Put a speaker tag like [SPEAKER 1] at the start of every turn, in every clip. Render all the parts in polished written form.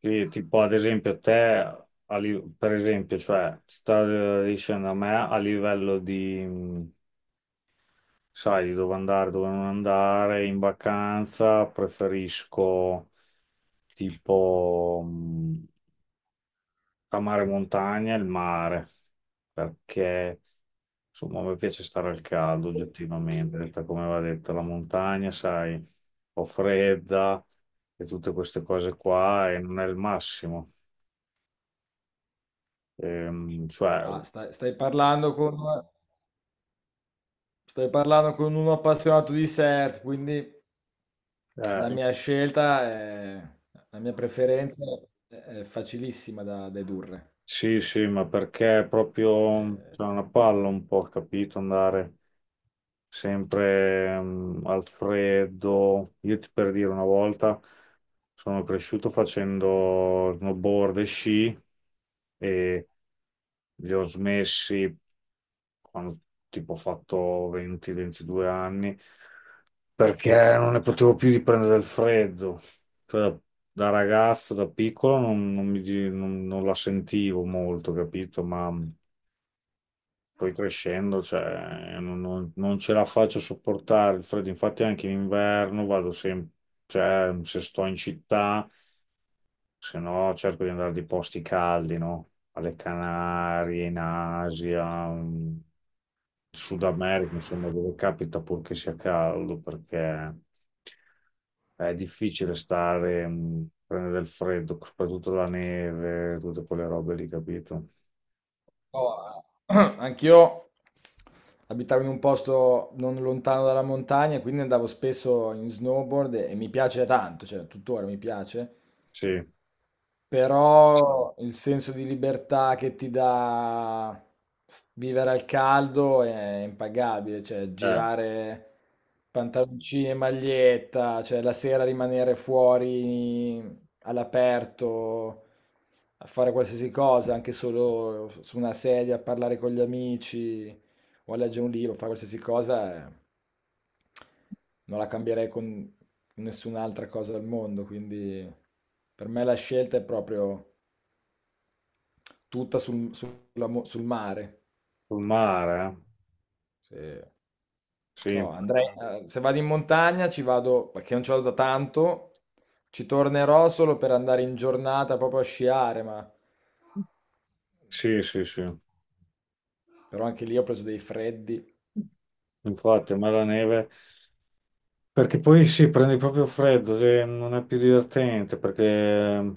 [SPEAKER 1] Sì, tipo ad esempio te, per esempio, cioè, ti sta dicendo a me a livello di, sai, di dove andare, dove non andare. In vacanza preferisco tipo, tra mare e montagna, e il mare, perché insomma mi piace stare al caldo oggettivamente, detta come va detto. La montagna, sai, un po' fredda e tutte queste cose qua, e non è il massimo. Cioè,
[SPEAKER 2] Ah, stai parlando con uno appassionato di surf, quindi la
[SPEAKER 1] eh,
[SPEAKER 2] mia scelta, è, la mia preferenza è, è facilissima da dedurre.
[SPEAKER 1] sì, sì, ma perché è proprio
[SPEAKER 2] Eh,
[SPEAKER 1] c'è una palla un po', capito? Andare sempre al freddo. Io ti per dire una volta sono cresciuto facendo snowboard e sci, e li ho smessi quando tipo ho fatto 20-22 anni, perché non ne potevo più di prendere il freddo. Cioè, da ragazzo, da piccolo, non mi non la sentivo molto, capito? Ma poi crescendo, cioè, non ce la faccio a sopportare il freddo. Infatti anche in inverno vado sempre, cioè, se sto in città, se no cerco di andare di posti caldi, no? Alle Canarie, in Asia, in Sud America, insomma, dove capita, purché sia caldo, perché è difficile stare, prendere del freddo, soprattutto la neve, tutte quelle robe lì, capito?
[SPEAKER 2] oh, anch'io abitavo in un posto non lontano dalla montagna, quindi andavo spesso in snowboard e mi piace tanto, cioè tuttora mi piace.
[SPEAKER 1] Sì,
[SPEAKER 2] Però il senso di libertà che ti dà vivere al caldo è impagabile, cioè girare pantaloncini e maglietta, cioè la sera rimanere fuori all'aperto a fare qualsiasi cosa, anche solo su una sedia a parlare con gli amici o a leggere un libro, fare qualsiasi cosa, non la cambierei con nessun'altra cosa al mondo. Quindi per me la scelta è proprio tutta sul mare.
[SPEAKER 1] sul mare, eh?
[SPEAKER 2] Se,
[SPEAKER 1] Sì,
[SPEAKER 2] to, andrei, Se vado in montagna ci vado, perché non ci vado da tanto, ci tornerò solo per andare in giornata proprio a sciare, ma
[SPEAKER 1] sì, sì, sì.
[SPEAKER 2] però anche lì ho preso dei freddi.
[SPEAKER 1] Infatti, a me la neve. Perché poi sì, prendi proprio freddo, cioè, non è più divertente, perché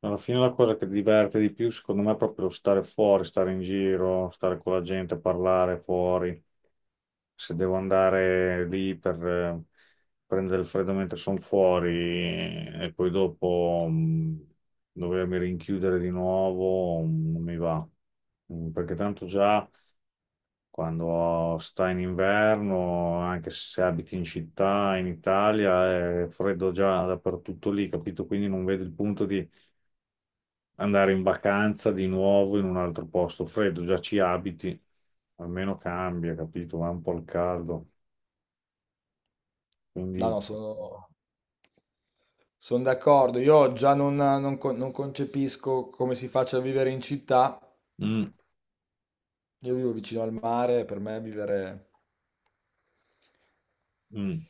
[SPEAKER 1] alla fine la cosa che diverte di più, secondo me, è proprio lo stare fuori, stare in giro, stare con la gente, parlare fuori. Se devo andare lì per prendere il freddo mentre sono fuori e poi dopo dovermi rinchiudere di nuovo, non mi va. Perché tanto già. Quando sta in inverno, anche se abiti in città, in Italia, è freddo già dappertutto lì, capito? Quindi non vedo il punto di andare in vacanza di nuovo in un altro posto freddo. Già ci abiti, almeno cambia, capito? Va un po' al caldo.
[SPEAKER 2] No,
[SPEAKER 1] Quindi,
[SPEAKER 2] no, sono, Sono d'accordo. Io già non concepisco come si faccia a vivere in città.
[SPEAKER 1] mm,
[SPEAKER 2] Io vivo vicino al mare, per me vivere...
[SPEAKER 1] mm,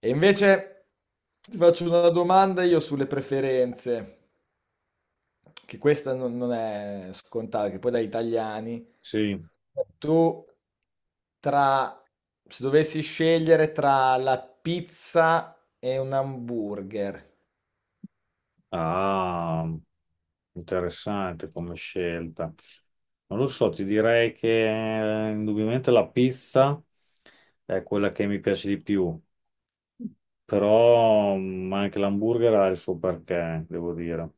[SPEAKER 2] E invece ti faccio una domanda io sulle preferenze, che questa non è scontata, che poi da italiani.
[SPEAKER 1] sì,
[SPEAKER 2] Tu tra... se dovessi scegliere tra la pizza e un hamburger,
[SPEAKER 1] ah, interessante come scelta. Non lo so, ti direi che indubbiamente la pizza è quella che mi piace di più. Però anche l'hamburger ha il suo perché, devo dire.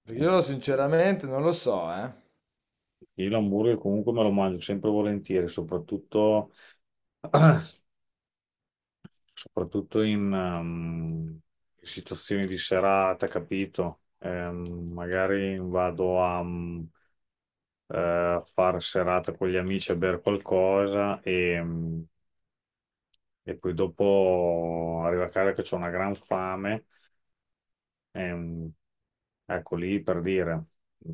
[SPEAKER 2] perché io sinceramente non lo so, eh.
[SPEAKER 1] Io l'hamburger comunque me lo mangio sempre volentieri, soprattutto, soprattutto in situazioni di serata, capito? Magari vado a, fare serata con gli amici a bere qualcosa e poi dopo arrivo a casa che ho una gran fame. Ehm, ecco lì per dire, gli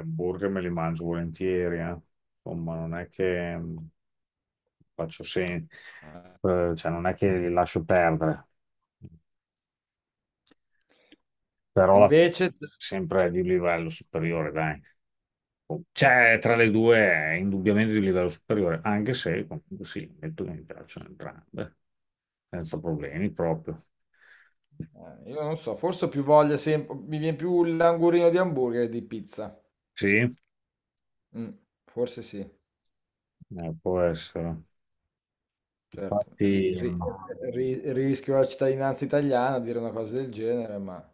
[SPEAKER 1] hamburger me li mangio volentieri, eh. Insomma, non è che, faccio sen- cioè non è che li lascio perdere, però
[SPEAKER 2] E
[SPEAKER 1] alla fine
[SPEAKER 2] invece, t
[SPEAKER 1] sempre di un livello superiore, dai. C'è tra le due è indubbiamente di livello superiore, anche se comunque sì, metto che mi piacciono entrambe, senza problemi proprio.
[SPEAKER 2] Io non so, forse ho più voglia sem mi vien più l'angurino di hamburger che di pizza.
[SPEAKER 1] Sì,
[SPEAKER 2] Mh, forse sì,
[SPEAKER 1] può essere.
[SPEAKER 2] certo. Ri
[SPEAKER 1] Infatti.
[SPEAKER 2] ri
[SPEAKER 1] Mm,
[SPEAKER 2] ri Rischio la cittadinanza italiana a dire una cosa del genere, ma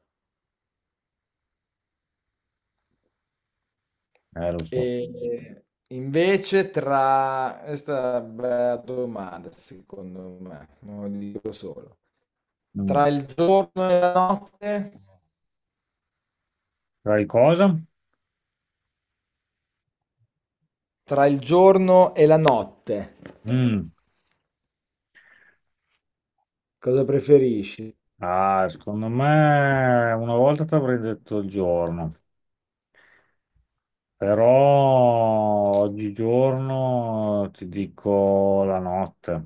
[SPEAKER 1] eh, lo so.
[SPEAKER 2] ehm, invece tra questa è una bella domanda secondo me, non lo dico solo.
[SPEAKER 1] Mm.
[SPEAKER 2] Tra il giorno e la notte?
[SPEAKER 1] Sai cosa?
[SPEAKER 2] Tra il giorno e la notte,
[SPEAKER 1] Mm.
[SPEAKER 2] cosa preferisci?
[SPEAKER 1] Ah, secondo me una volta ti avrei detto il giorno, però oggigiorno ti dico la notte.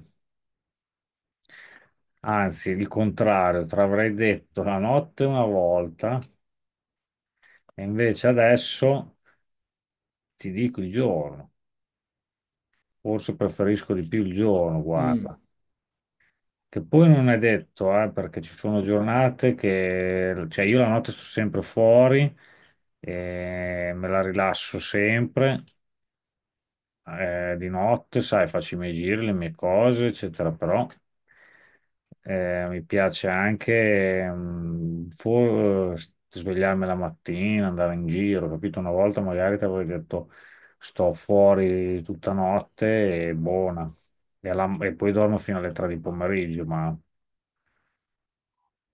[SPEAKER 1] Anzi, il contrario, ti avrei detto la notte una volta, e invece adesso ti dico il giorno. Forse preferisco di più il giorno,
[SPEAKER 2] Mh,
[SPEAKER 1] guarda. Che poi non è detto, perché ci sono giornate che, cioè io la notte sto sempre fuori, e me la rilasso sempre, di notte, sai, faccio i miei giri, le mie cose, eccetera, però mi piace anche, svegliarmi la mattina, andare in giro, capito? Una volta magari ti avevo detto sto fuori tutta notte e buona, e poi dormo fino alle 3 di pomeriggio, ma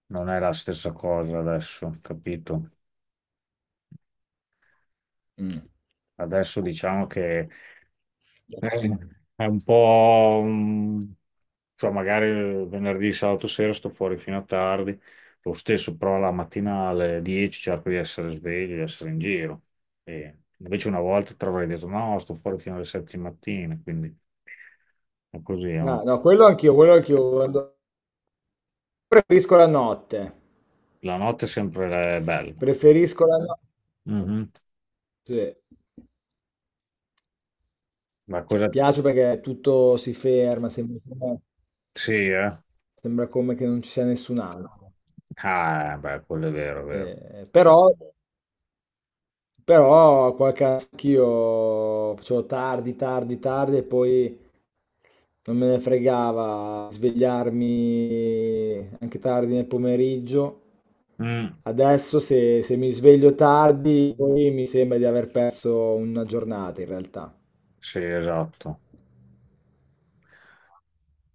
[SPEAKER 1] non è la stessa cosa adesso, capito?
[SPEAKER 2] mh.
[SPEAKER 1] Adesso diciamo che, eh, è un po'... cioè magari venerdì, sabato sera sto fuori fino a tardi, lo stesso però la mattina alle 10 cerco di essere sveglio, di essere in giro. E invece una volta ti avrei detto no, sto fuori fino alle 7 di mattina, quindi è così.
[SPEAKER 2] Ah, no, quello anch'io. Preferisco la notte.
[SPEAKER 1] La notte è sempre bella.
[SPEAKER 2] Preferisco la notte.
[SPEAKER 1] Mhm.
[SPEAKER 2] Sì.
[SPEAKER 1] Ma cosa...
[SPEAKER 2] Piace perché tutto si ferma,
[SPEAKER 1] Sì, eh?
[SPEAKER 2] sembra come che non ci sia nessun altro.
[SPEAKER 1] Ah, beh, quello è vero, è vero.
[SPEAKER 2] Eh, però, Però qualche anch'io facevo tardi e poi non me ne fregava svegliarmi anche tardi nel pomeriggio.
[SPEAKER 1] Mm.
[SPEAKER 2] Adesso se mi sveglio tardi, poi mi sembra di aver perso una giornata in realtà.
[SPEAKER 1] Sì, esatto.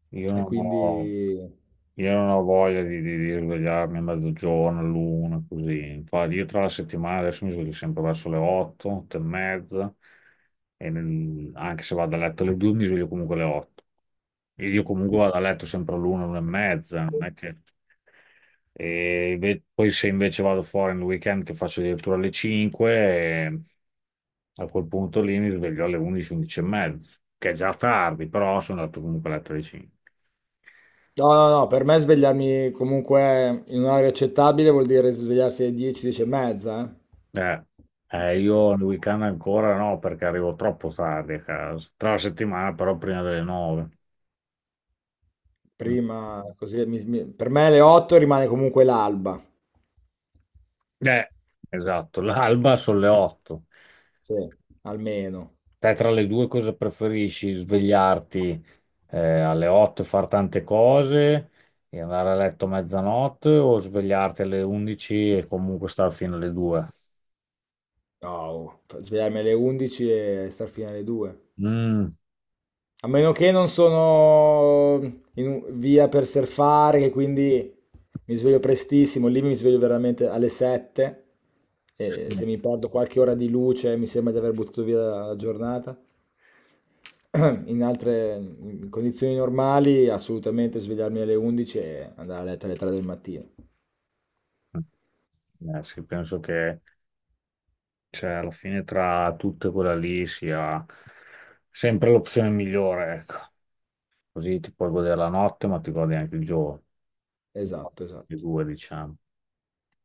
[SPEAKER 1] Io
[SPEAKER 2] E
[SPEAKER 1] non ho,
[SPEAKER 2] quindi...
[SPEAKER 1] io non ho voglia di, di svegliarmi a mezzogiorno, l'una, così. Infatti, io tra la settimana adesso mi sveglio sempre verso le 8, 8 e mezza, anche se vado a letto alle 2 mi sveglio comunque alle 8. E io comunque vado a letto sempre all'una, l'una e mezza, non è che... poi se invece vado fuori nel weekend che faccio addirittura alle 5, eh, a quel punto lì mi sveglio alle 11, 11 e mezza, che è già tardi, però sono andato comunque a letto alle 5.
[SPEAKER 2] No, per me svegliarmi comunque in un'ora accettabile vuol dire svegliarsi alle 10, 10 e mezza.
[SPEAKER 1] Eh,
[SPEAKER 2] eh.
[SPEAKER 1] io nel weekend ancora no, perché arrivo troppo tardi a casa. Tra la settimana, però, prima delle 9. Mm.
[SPEAKER 2] Prima, così, per me alle 8 rimane comunque l'alba,
[SPEAKER 1] Eh, esatto. L'alba sono le 8.
[SPEAKER 2] sì, almeno.
[SPEAKER 1] Te tra le due cosa preferisci? Svegliarti alle 8 e fare tante cose e andare a letto a mezzanotte, o svegliarti alle 11 e comunque stare fino alle 2?
[SPEAKER 2] No, svegliarmi alle 11 e star fino alle 2.
[SPEAKER 1] Mm,
[SPEAKER 2] A meno che non sono via per surfare, che quindi mi sveglio prestissimo, lì mi sveglio veramente alle 7 e
[SPEAKER 1] sì.
[SPEAKER 2] se mi perdo qualche ora di luce mi sembra di aver buttato via la giornata. In condizioni normali assolutamente svegliarmi alle 11 e andare a letto alle 3 del mattino.
[SPEAKER 1] Sì, penso che cioè, alla fine tra tutte quella lì sia sempre l'opzione migliore, ecco. Così ti puoi godere la notte, ma ti godi anche il giorno.
[SPEAKER 2] Esatto,
[SPEAKER 1] Le
[SPEAKER 2] esatto.
[SPEAKER 1] due, diciamo.